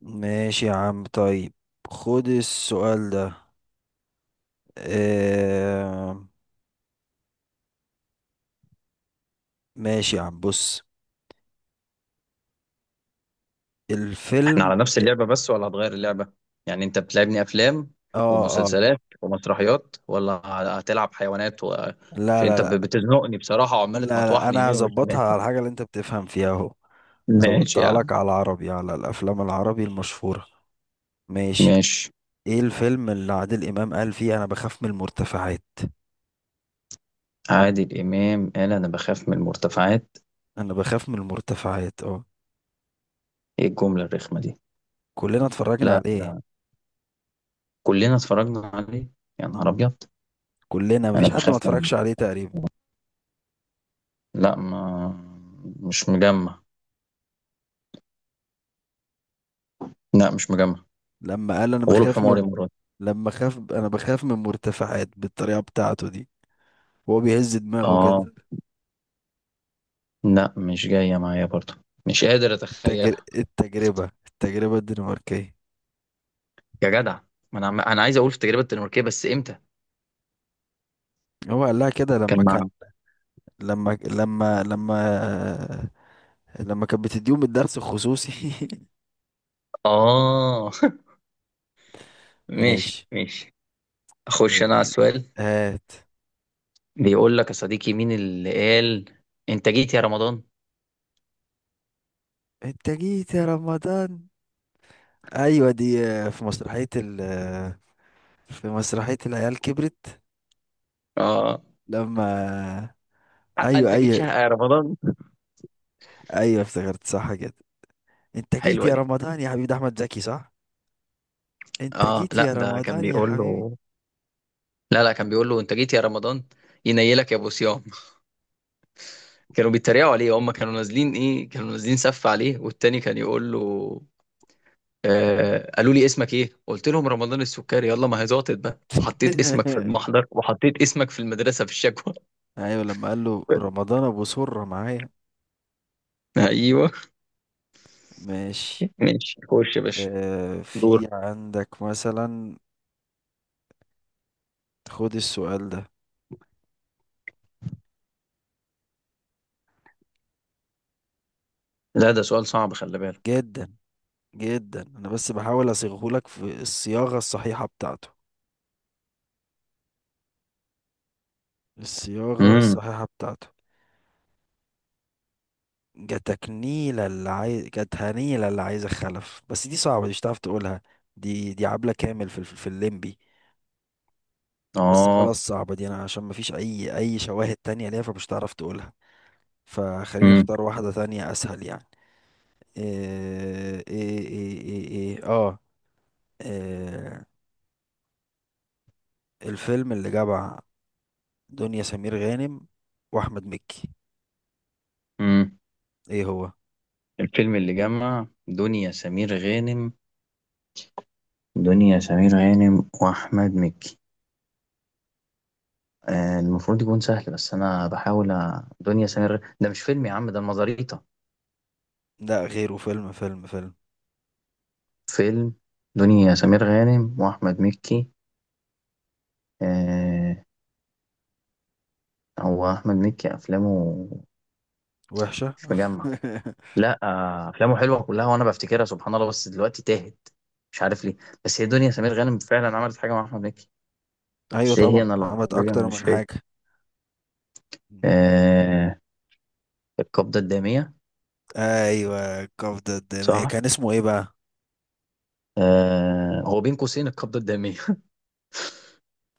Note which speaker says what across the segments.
Speaker 1: ماشي يا عم، طيب. خد السؤال ده. آه... ماشي يا عم، بص.
Speaker 2: احنا
Speaker 1: الفيلم.
Speaker 2: على نفس اللعبة بس ولا هتغير اللعبة؟ يعني انت بتلعبني افلام
Speaker 1: اه اه.
Speaker 2: ومسلسلات ومسرحيات ولا هتلعب حيوانات.
Speaker 1: لا
Speaker 2: عشان
Speaker 1: لا
Speaker 2: انت
Speaker 1: لا.
Speaker 2: بتزنقني بصراحة وعمال
Speaker 1: لا لا،
Speaker 2: تمطوحني
Speaker 1: انا
Speaker 2: يمين وشمال.
Speaker 1: هظبطها على الحاجة اللي انت بتفهم فيها اهو.
Speaker 2: ماشي يا
Speaker 1: ظبطتها
Speaker 2: عم.
Speaker 1: لك على العربي، على الافلام العربي المشهورة. ماشي.
Speaker 2: ماشي.
Speaker 1: ايه الفيلم اللي عادل امام قال فيه انا بخاف من المرتفعات؟
Speaker 2: عادل امام قال انا بخاف من المرتفعات.
Speaker 1: انا بخاف من المرتفعات، اه.
Speaker 2: ايه الجملة الرخمة دي؟
Speaker 1: كلنا اتفرجنا
Speaker 2: لا
Speaker 1: عليه.
Speaker 2: لا. كلنا اتفرجنا عليه. يا نهار
Speaker 1: مم.
Speaker 2: ابيض.
Speaker 1: كلنا،
Speaker 2: انا
Speaker 1: مفيش حد ما
Speaker 2: بخاف من.
Speaker 1: اتفرجش عليه تقريبا.
Speaker 2: لا ما. مش مجمع. لا مش مجمع.
Speaker 1: لما قال انا
Speaker 2: غلب
Speaker 1: بخاف من،
Speaker 2: حماري مراد.
Speaker 1: لما خاف انا بخاف من مرتفعات بالطريقه بتاعته دي وهو بيهز دماغه
Speaker 2: اه،
Speaker 1: كده.
Speaker 2: لا مش جاية معايا برضه. مش قادر اتخيلها.
Speaker 1: التجربه الدنماركيه.
Speaker 2: يا جدع، ما انا انا عايز اقول في التجربه الدنماركيه بس امتى.
Speaker 1: هو قال لها كده لما
Speaker 2: كان
Speaker 1: كان،
Speaker 2: مع.
Speaker 1: لما لما كانت بتديهم الدرس الخصوصي.
Speaker 2: اه. ماشي
Speaker 1: ماشي.
Speaker 2: ماشي. اخش انا على السؤال.
Speaker 1: هات.
Speaker 2: بيقول لك يا صديقي، مين اللي قال انت جيت يا رمضان.
Speaker 1: انت جيت يا رمضان. ايوه دي في مسرحيه ال آه، في مسرحيه العيال كبرت.
Speaker 2: اه.
Speaker 1: لما،
Speaker 2: حق
Speaker 1: ايوه
Speaker 2: انت جيت
Speaker 1: ايوه،
Speaker 2: شهق يا رمضان.
Speaker 1: ايوه افتكرت صح كده. انت جيت
Speaker 2: حلوه
Speaker 1: يا
Speaker 2: دي.
Speaker 1: رمضان يا حبيب احمد زكي، صح. انت
Speaker 2: اه
Speaker 1: جيت
Speaker 2: لا،
Speaker 1: يا
Speaker 2: ده كان
Speaker 1: رمضان يا
Speaker 2: بيقول
Speaker 1: حبيبي.
Speaker 2: له. لا لا، كان بيقول له انت جيت يا رمضان. ينيلك يا ابو صيام. كانوا بيتريقوا عليه، هم كانوا نازلين ايه، كانوا نازلين سف عليه والتاني كان يقول له: آه قالوا لي اسمك ايه، قلت لهم رمضان السكري، يلا ما هي زاطت بقى، حطيت اسمك في المحضر وحطيت اسمك في المدرسة في الشكوى.
Speaker 1: ايوه، لما قال له رمضان ابو سرة معايا.
Speaker 2: ايوه.
Speaker 1: ماشي.
Speaker 2: ماشي، خش يا باشا.
Speaker 1: آه،
Speaker 2: دور.
Speaker 1: في عندك مثلا؟ خد السؤال ده.
Speaker 2: لا ده سؤال صعب، خلي بالك.
Speaker 1: جدا جدا، انا بس بحاول اصيغه لك في الصياغة الصحيحة بتاعته، الصياغة
Speaker 2: امم.
Speaker 1: الصحيحة بتاعته. جاتك نيلة اللي عايز، جاتها نيلة اللي عايزة خلف، بس دي صعبة، دي مش هتعرف تقولها. دي عبلة كامل في في الليمبي. بس
Speaker 2: اه.
Speaker 1: خلاص، صعبة دي، انا عشان مفيش اي شواهد تانية ليها فمش هتعرف تقولها. فخليني
Speaker 2: امم.
Speaker 1: اختار واحدة تانية اسهل يعني. آه، ايه ايه ايه ايه, إيه اه إيه الفيلم اللي جمع دنيا سمير غانم واحمد مكي؟
Speaker 2: امم.
Speaker 1: ايه هو؟
Speaker 2: الفيلم اللي جمع دنيا سمير غانم. دنيا سمير غانم واحمد مكي. المفروض يكون سهل بس انا بحاول. ده مش فيلم يا عم، ده المزاريطة.
Speaker 1: لا غيره، فيلم.
Speaker 2: فيلم. دنيا سمير غانم واحمد مكي. آه. هو احمد مكي افلامه
Speaker 1: وحشة.
Speaker 2: مش مجمع. لا. افلامه حلوه كلها وانا بفتكرها سبحان الله بس دلوقتي تاهت. مش عارف ليه. بس هي
Speaker 1: مم.
Speaker 2: دنيا سمير غانم فعلا عملت حاجه مع احمد مكي.
Speaker 1: ايوه
Speaker 2: بس ايه هي،
Speaker 1: طبعا،
Speaker 2: انا
Speaker 1: عملت
Speaker 2: لحظيا
Speaker 1: اكتر
Speaker 2: مش
Speaker 1: من
Speaker 2: فاكر.
Speaker 1: حاجة. مم.
Speaker 2: آه. القبضه الداميه.
Speaker 1: ايوه، القبضة الدامية،
Speaker 2: صح.
Speaker 1: كان اسمه ايه بقى؟
Speaker 2: هو بين قوسين القبضه الداميه.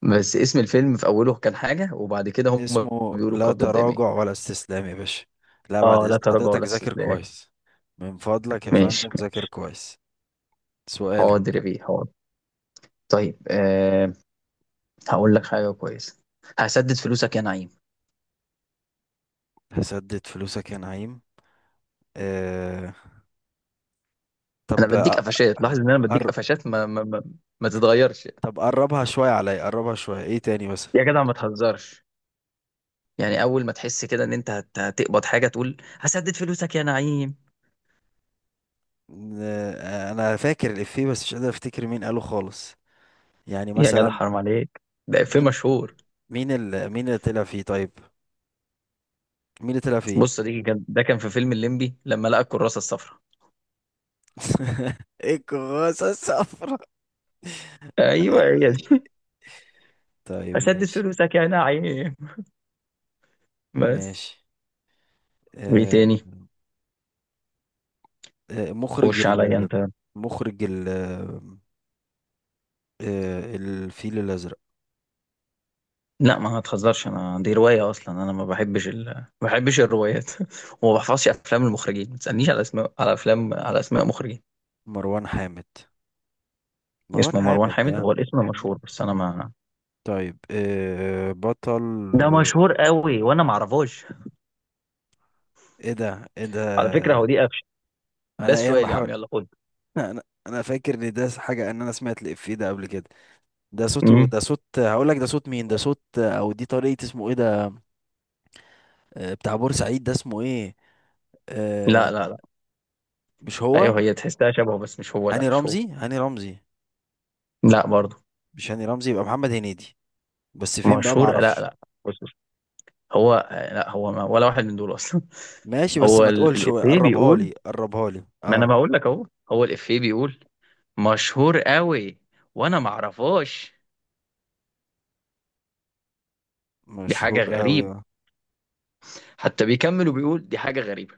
Speaker 2: بس اسم الفيلم في اوله كان حاجه وبعد كده هم
Speaker 1: اسمه
Speaker 2: بيقولوا
Speaker 1: لا
Speaker 2: القبضه الداميه.
Speaker 1: تراجع ولا استسلام يا باشا. لا بعد
Speaker 2: اه، لا
Speaker 1: اذن
Speaker 2: تراجع
Speaker 1: حضرتك،
Speaker 2: ولا
Speaker 1: ذاكر
Speaker 2: استسلام.
Speaker 1: كويس. من فضلك يا
Speaker 2: ماشي.
Speaker 1: فندم، ذاكر كويس. سؤالك.
Speaker 2: حاضر يا بيه حاضر. طيب. هقول لك حاجه كويسه. هسدد فلوسك يا نعيم.
Speaker 1: هسدد فلوسك يا نعيم. آه...
Speaker 2: انا بديك
Speaker 1: طب.
Speaker 2: قفشات، لاحظ ان انا بديك
Speaker 1: أقر...
Speaker 2: قفشات. ما تتغيرش.
Speaker 1: طب قربها شوية عليا، قربها شوية، ايه تاني بس.
Speaker 2: يا جدع ما تهزرش. يعني اول ما تحس كده ان انت هتقبض حاجه تقول هسدد فلوسك يا نعيم.
Speaker 1: انا فاكر الإفيه بس مش قادر افتكر مين قاله خالص. يعني
Speaker 2: يا جدع
Speaker 1: مثلا،
Speaker 2: حرام عليك. ده في
Speaker 1: مين،
Speaker 2: مشهور.
Speaker 1: مين اللي طلع فيه طيب؟ مين اللي طلع فيه؟
Speaker 2: بص، دي كان ده كان في فيلم الليمبي لما لقى الكراسه الصفراء.
Speaker 1: ايه الكراسة الصفرا؟
Speaker 2: ايوه
Speaker 1: ايوه
Speaker 2: هي
Speaker 1: ايوه،
Speaker 2: دي.
Speaker 1: طيب
Speaker 2: هسدد
Speaker 1: ماشي.
Speaker 2: فلوسك يا نعيم. بس.
Speaker 1: ماشي.
Speaker 2: وايه
Speaker 1: آه...
Speaker 2: تاني.
Speaker 1: مخرج
Speaker 2: خش عليا انت.
Speaker 1: مخرج الفيل الأزرق.
Speaker 2: لا ما هتهزرش. انا دي روايه اصلا، انا ما بحبش. ما بحبش الروايات. وما بحفظش افلام المخرجين، ما تسالنيش على اسماء، على افلام، على اسماء مخرجين.
Speaker 1: مروان حامد، مروان
Speaker 2: اسمه مروان
Speaker 1: حامد ده.
Speaker 2: حامد، هو الاسم مشهور بس انا ما.
Speaker 1: طيب، إيه بطل؟
Speaker 2: ده مشهور قوي وانا ما اعرفوش.
Speaker 1: ايه ده؟ ايه
Speaker 2: على فكره هو
Speaker 1: ده؟
Speaker 2: دي قفشه. ده
Speaker 1: انا
Speaker 2: السؤال يا
Speaker 1: بحاول.
Speaker 2: عم، يلا خد.
Speaker 1: انا فاكر ان ده حاجه، ان انا سمعت الافيه ده قبل كده. ده صوته،
Speaker 2: امم.
Speaker 1: ده صوت، هقول لك ده صوت مين، ده صوت او دي طريقه اسمه ايه ده. آه، بتاع بورسعيد ده اسمه ايه؟
Speaker 2: لا
Speaker 1: آه،
Speaker 2: لا لا.
Speaker 1: مش هو.
Speaker 2: ايوه هي تحسها شبهه بس مش هو. لا
Speaker 1: هاني
Speaker 2: مش هو.
Speaker 1: رمزي، هاني رمزي.
Speaker 2: لا برضه.
Speaker 1: مش هاني رمزي، يبقى محمد هنيدي. بس فين بقى، ما
Speaker 2: مشهور، لا
Speaker 1: اعرفش.
Speaker 2: لا. بص بص. هو لا هو، ما ولا واحد من دول اصلا.
Speaker 1: ماشي، بس
Speaker 2: هو
Speaker 1: ما تقولش
Speaker 2: الافيه
Speaker 1: قربها
Speaker 2: بيقول.
Speaker 1: لي، قربها لي،
Speaker 2: ما انا
Speaker 1: اه.
Speaker 2: بقول لك اهو. هو الافيه بيقول مشهور قوي وانا ما اعرفهاش. دي حاجه
Speaker 1: مشهور قوي.
Speaker 2: غريب. حتى بيكمل وبيقول دي حاجه غريبه.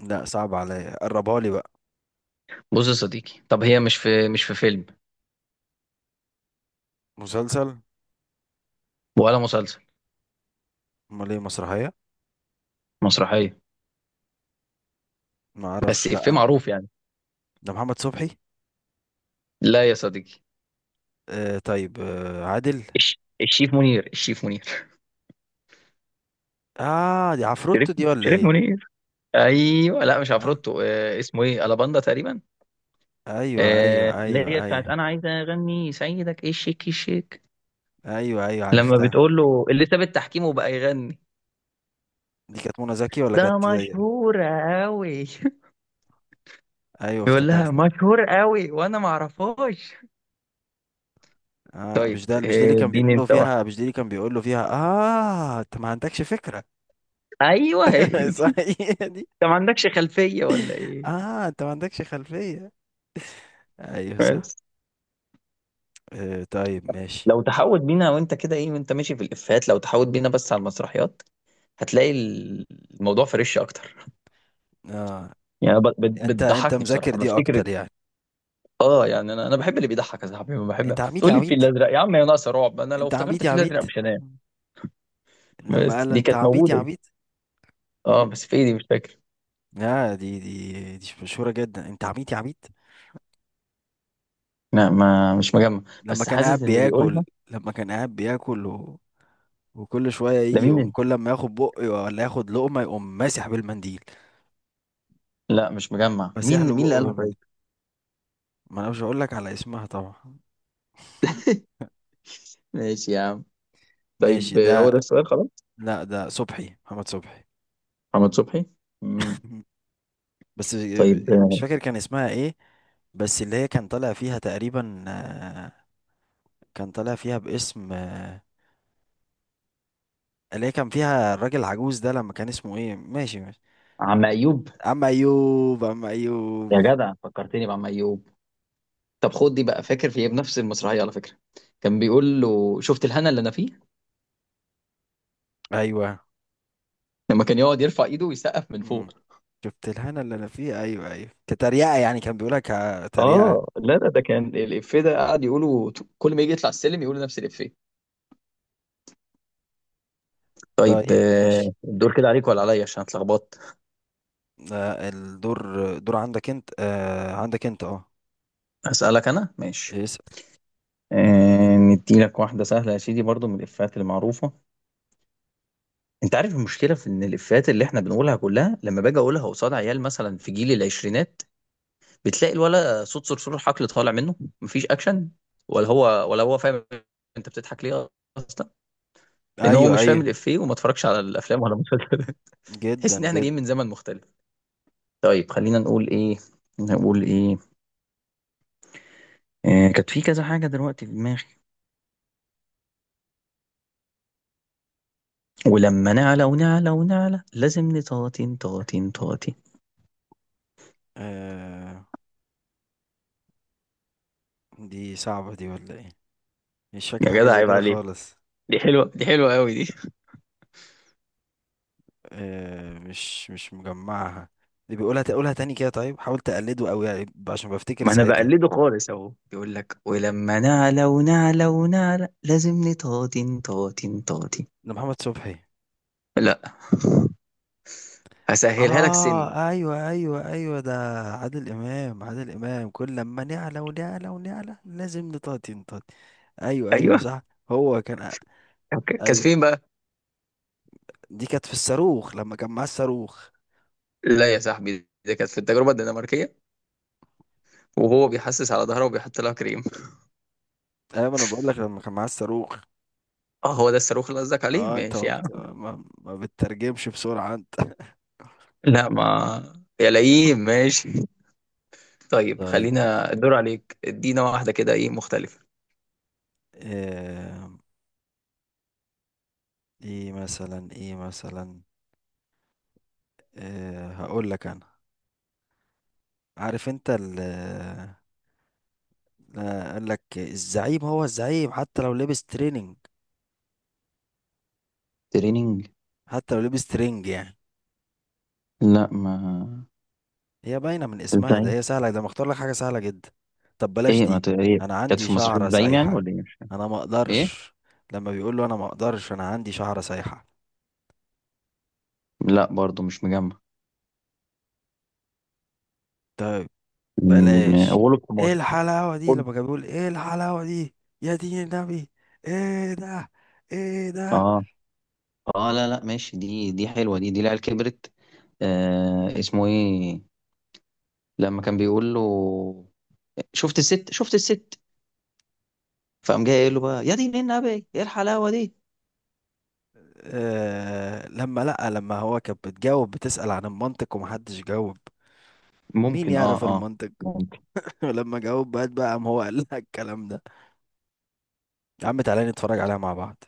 Speaker 1: لا، صعب عليا، قربها لي بقى.
Speaker 2: بص يا صديقي، طب هي مش في، مش في فيلم
Speaker 1: مسلسل.
Speaker 2: ولا مسلسل.
Speaker 1: امال ايه، مسرحيه؟
Speaker 2: مسرحيه.
Speaker 1: ما
Speaker 2: بس
Speaker 1: اعرفش،
Speaker 2: إفيه
Speaker 1: لا.
Speaker 2: معروف يعني.
Speaker 1: ده محمد صبحي.
Speaker 2: لا يا صديقي.
Speaker 1: آه طيب، آه عادل.
Speaker 2: الشيف منير. الشيف منير.
Speaker 1: اه، دي عفروتو
Speaker 2: شريف.
Speaker 1: دي ولا
Speaker 2: شريف
Speaker 1: ايه؟
Speaker 2: منير. ايوه، لا مش
Speaker 1: آه،
Speaker 2: عفروتو. آه اسمه ايه، الاباندا تقريبا.
Speaker 1: ايوه ايوه
Speaker 2: اللي هي
Speaker 1: ايوه
Speaker 2: بتاعت
Speaker 1: ايوه،
Speaker 2: انا عايزه اغني سيدك، ايه الشيك الشيك.
Speaker 1: ايوه ايوه
Speaker 2: لما
Speaker 1: عرفتها.
Speaker 2: بتقول له اللي ساب التحكيم وبقى يغني.
Speaker 1: دي كانت منى زكي ولا
Speaker 2: ده
Speaker 1: كانت دي؟
Speaker 2: مشهور قوي.
Speaker 1: ايوه
Speaker 2: يقول لها
Speaker 1: افتكرت.
Speaker 2: مشهور قوي وانا ما اعرفهاش.
Speaker 1: اه،
Speaker 2: طيب
Speaker 1: مش ده مش ده اللي
Speaker 2: آه،
Speaker 1: كان بيقول
Speaker 2: اديني
Speaker 1: له
Speaker 2: انت
Speaker 1: فيها،
Speaker 2: واحده.
Speaker 1: مش ده اللي كان بيقول له فيها، اه انت ما عندكش فكرة.
Speaker 2: ايوه هي دي.
Speaker 1: صحيح دي.
Speaker 2: انت ما عندكش خلفيه ولا ايه.
Speaker 1: اه انت ما عندكش خلفية. ايوه صح.
Speaker 2: بس.
Speaker 1: آه طيب ماشي.
Speaker 2: لو تحاول بينا وانت كده ايه، وانت ماشي في الافيهات، لو تحاول بينا بس على المسرحيات. هتلاقي الموضوع فريش اكتر.
Speaker 1: اه،
Speaker 2: يعني
Speaker 1: انت انت
Speaker 2: بتضحكني
Speaker 1: مذاكر
Speaker 2: بصراحه
Speaker 1: دي
Speaker 2: بفتكر.
Speaker 1: اكتر يعني.
Speaker 2: اه. يعني انا بحب اللي بيضحك يا صاحبي. ما بحب
Speaker 1: انت عميد يا
Speaker 2: تقول لي
Speaker 1: عميد،
Speaker 2: الفيل الازرق يا عم، يا ناقصه رعب، انا لو
Speaker 1: انت
Speaker 2: افتكرت
Speaker 1: عميد يا
Speaker 2: الفيل
Speaker 1: عميد.
Speaker 2: الازرق مش هنام.
Speaker 1: لما
Speaker 2: بس
Speaker 1: قال له
Speaker 2: دي
Speaker 1: انت
Speaker 2: كانت
Speaker 1: عبيط يا
Speaker 2: موجوده دي.
Speaker 1: عبيط.
Speaker 2: اه
Speaker 1: مم.
Speaker 2: بس في ايه دي مش فاكر.
Speaker 1: لا، دي مشهورة جدا، انت عبيط يا عبيط.
Speaker 2: لا ما، مش مجمع.
Speaker 1: لما
Speaker 2: بس
Speaker 1: كان
Speaker 2: حاسس
Speaker 1: قاعد
Speaker 2: ان اللي
Speaker 1: بياكل.
Speaker 2: يقولها.
Speaker 1: لما كان قاعد بياكل وكل شوية يجي يقوم،
Speaker 2: لمين.
Speaker 1: كل ما ياخد بق ولا ياخد لقمة يقوم ماسح بالمنديل،
Speaker 2: لا مش مجمع.
Speaker 1: ماسح
Speaker 2: مين
Speaker 1: له
Speaker 2: مين اللي
Speaker 1: بقه
Speaker 2: قالها
Speaker 1: بالمنديل.
Speaker 2: طيب.
Speaker 1: ما انا مش هقول لك على اسمها طبعا.
Speaker 2: ماشي يا عم. طيب
Speaker 1: ماشي
Speaker 2: آه، هو
Speaker 1: ده.
Speaker 2: ده السؤال خلاص.
Speaker 1: لا ده صبحي، محمد صبحي.
Speaker 2: محمد صبحي. مم.
Speaker 1: مم. بس
Speaker 2: طيب
Speaker 1: مش
Speaker 2: آه،
Speaker 1: فاكر كان اسمها ايه، بس اللي هي كان طالع فيها تقريبا، كان طالع فيها باسم، اللي هي كان فيها الراجل العجوز ده، لما كان اسمه ايه، ماشي ماشي.
Speaker 2: عم ايوب.
Speaker 1: اما ايوب، اما ايوب.
Speaker 2: يا جدع، فكرتني بعم ايوب. طب خد دي بقى. فاكر في ايه بنفس المسرحيه على فكره. كان بيقول له شفت الهنا اللي انا فيه.
Speaker 1: ايوه.
Speaker 2: لما كان يقعد يرفع ايده ويسقف من
Speaker 1: امم.
Speaker 2: فوق.
Speaker 1: شفت الهنا اللي انا فيه، ايوه ايوه، كتريقه يعني كان بيقولها، كتريقه.
Speaker 2: اه لا لا، ده كان الافيه ده قعد يقوله. كل ما يجي يطلع السلم يقول نفس الافيه. طيب
Speaker 1: طيب
Speaker 2: آه،
Speaker 1: ماشي.
Speaker 2: الدور كده عليك ولا عليا عشان اتلخبطت.
Speaker 1: آه الدور، دور عندك انت، آه عندك انت اه.
Speaker 2: هسألك انا، ماشي.
Speaker 1: اسال.
Speaker 2: آه، ندي لك واحده سهله يا سيدي برضو من الافيهات المعروفه. انت عارف المشكله في ان الافيهات اللي احنا بنقولها كلها، لما باجي اقولها قصاد عيال مثلا في جيل العشرينات، بتلاقي الولا صوت صرصور الحقل طالع منه. مفيش اكشن. ولا هو ولا هو فاهم. انت بتضحك ليه اصلا. لان هو
Speaker 1: ايوه
Speaker 2: مش فاهم
Speaker 1: ايوه.
Speaker 2: الافيه وما اتفرجش على الافلام ولا المسلسلات.
Speaker 1: جدا
Speaker 2: تحس ان احنا
Speaker 1: جدا.
Speaker 2: جايين من زمن مختلف. طيب خلينا نقول ايه. نقول ايه. كانت في كذا حاجه دلوقتي في دماغي. ولما نعلى ونعلى ونعلى لازم نطاطين طاطين طاطين.
Speaker 1: آه، دي صعبه دي ولا ايه؟ مش فاكر
Speaker 2: يا
Speaker 1: حاجه
Speaker 2: جدع
Speaker 1: زي
Speaker 2: عيب
Speaker 1: كده
Speaker 2: عليك.
Speaker 1: خالص.
Speaker 2: دي حلوه، دي حلوه قوي دي.
Speaker 1: آه، مش مش مجمعها. اللي بيقولها تقولها تاني كده طيب، حاول تقلده قوي يعني عشان بفتكر
Speaker 2: ما انا
Speaker 1: ساعتها.
Speaker 2: بقلده خالص اهو، يقول لك ولما نعلى ونعلى ونعلى لازم نطاطن طاطن طاطن.
Speaker 1: ده محمد صبحي.
Speaker 2: لا. هسهلها لك، سن.
Speaker 1: اه ايوه ايوه ايوه ده. عادل امام، عادل امام، كل لما نعلى ونعلى ونعلى لازم نطاطي. ايوه ايوه
Speaker 2: ايوه.
Speaker 1: صح. هو كان،
Speaker 2: أوكي. كانت
Speaker 1: ايوه.
Speaker 2: فين بقى.
Speaker 1: دي كانت في الصاروخ لما كان معاه الصاروخ.
Speaker 2: لا يا صاحبي، دي كانت في التجربه الدنماركيه، وهو بيحسس على ظهره وبيحط لها كريم.
Speaker 1: ايوه انا بقول لك لما كان معاه الصاروخ.
Speaker 2: اه هو ده الصاروخ اللي قصدك عليه.
Speaker 1: اه انت ما,
Speaker 2: ماشي يا
Speaker 1: بت...
Speaker 2: عم.
Speaker 1: ما... ما بتترجمش بسرعه انت.
Speaker 2: لا ما، يا لئيم. ماشي. طيب
Speaker 1: طيب.
Speaker 2: خلينا الدور عليك. ادينا واحده كده ايه مختلفه.
Speaker 1: آه... ايه مثلا، ايه مثلا، هقول لك انا. عارف انت ال، آه، قال لك الزعيم هو الزعيم حتى لو لبس تريننج،
Speaker 2: تريننج.
Speaker 1: حتى لو لبس ترينج يعني.
Speaker 2: لا ما.
Speaker 1: هي باينة من اسمها،
Speaker 2: ازاي.
Speaker 1: ده هي سهلة، ده مختار لك حاجة سهلة جدا. طب بلاش
Speaker 2: ايه ما
Speaker 1: دي.
Speaker 2: ت... ايه
Speaker 1: انا
Speaker 2: كانت
Speaker 1: عندي
Speaker 2: في مسرحية
Speaker 1: شعرة
Speaker 2: زعيم يعني
Speaker 1: سايحة،
Speaker 2: ولا ايه مش فاهم.
Speaker 1: انا ما
Speaker 2: ايه.
Speaker 1: اقدرش. لما بيقول له انا ما اقدرش انا عندي شعرة سايحة.
Speaker 2: لا برضو مش مجمع.
Speaker 1: طيب، بلاش.
Speaker 2: غلب
Speaker 1: ايه
Speaker 2: حماري.
Speaker 1: الحلاوة دي،
Speaker 2: خد.
Speaker 1: لما كان بيقول ايه الحلاوة دي، يا دين النبي. ايه ده؟ ايه ده؟
Speaker 2: اه اه لا لا ماشي. دي حلوه، دي العيال كبرت. اسمه ايه لما كان بيقول له شفت الست شفت الست فقام جاي قايل له بقى يا دين النبي ايه الحلاوه دي.
Speaker 1: آه لما، لأ لما هو كان بتجاوب، بتسأل عن المنطق ومحدش جاوب. مين
Speaker 2: ممكن اه
Speaker 1: يعرف
Speaker 2: اه
Speaker 1: المنطق؟
Speaker 2: ممكن.
Speaker 1: ولما جاوب بقى، قام هو قال لها الكلام ده. يا عم تعالى نتفرج عليها مع بعض.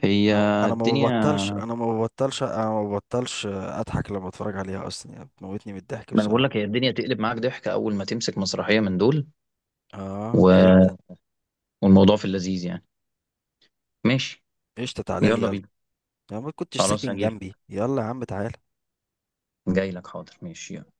Speaker 2: هي
Speaker 1: انا ما
Speaker 2: الدنيا.
Speaker 1: ببطلش، اضحك لما اتفرج عليها اصلا يعني، بتموتني من الضحك
Speaker 2: ما انا بقول
Speaker 1: بسرعه.
Speaker 2: لك، هي الدنيا تقلب معاك ضحك اول ما تمسك مسرحيه من دول
Speaker 1: اه
Speaker 2: و...
Speaker 1: جدا.
Speaker 2: والموضوع في اللذيذ يعني. ماشي.
Speaker 1: قشطه، تعالى لي
Speaker 2: يلا
Speaker 1: يلا.
Speaker 2: بينا.
Speaker 1: انا ما كنتش
Speaker 2: خلاص
Speaker 1: ساكن
Speaker 2: هجيلك.
Speaker 1: جنبي، يلا يا عم تعالى.
Speaker 2: جاي لك. حاضر ماشي يلا.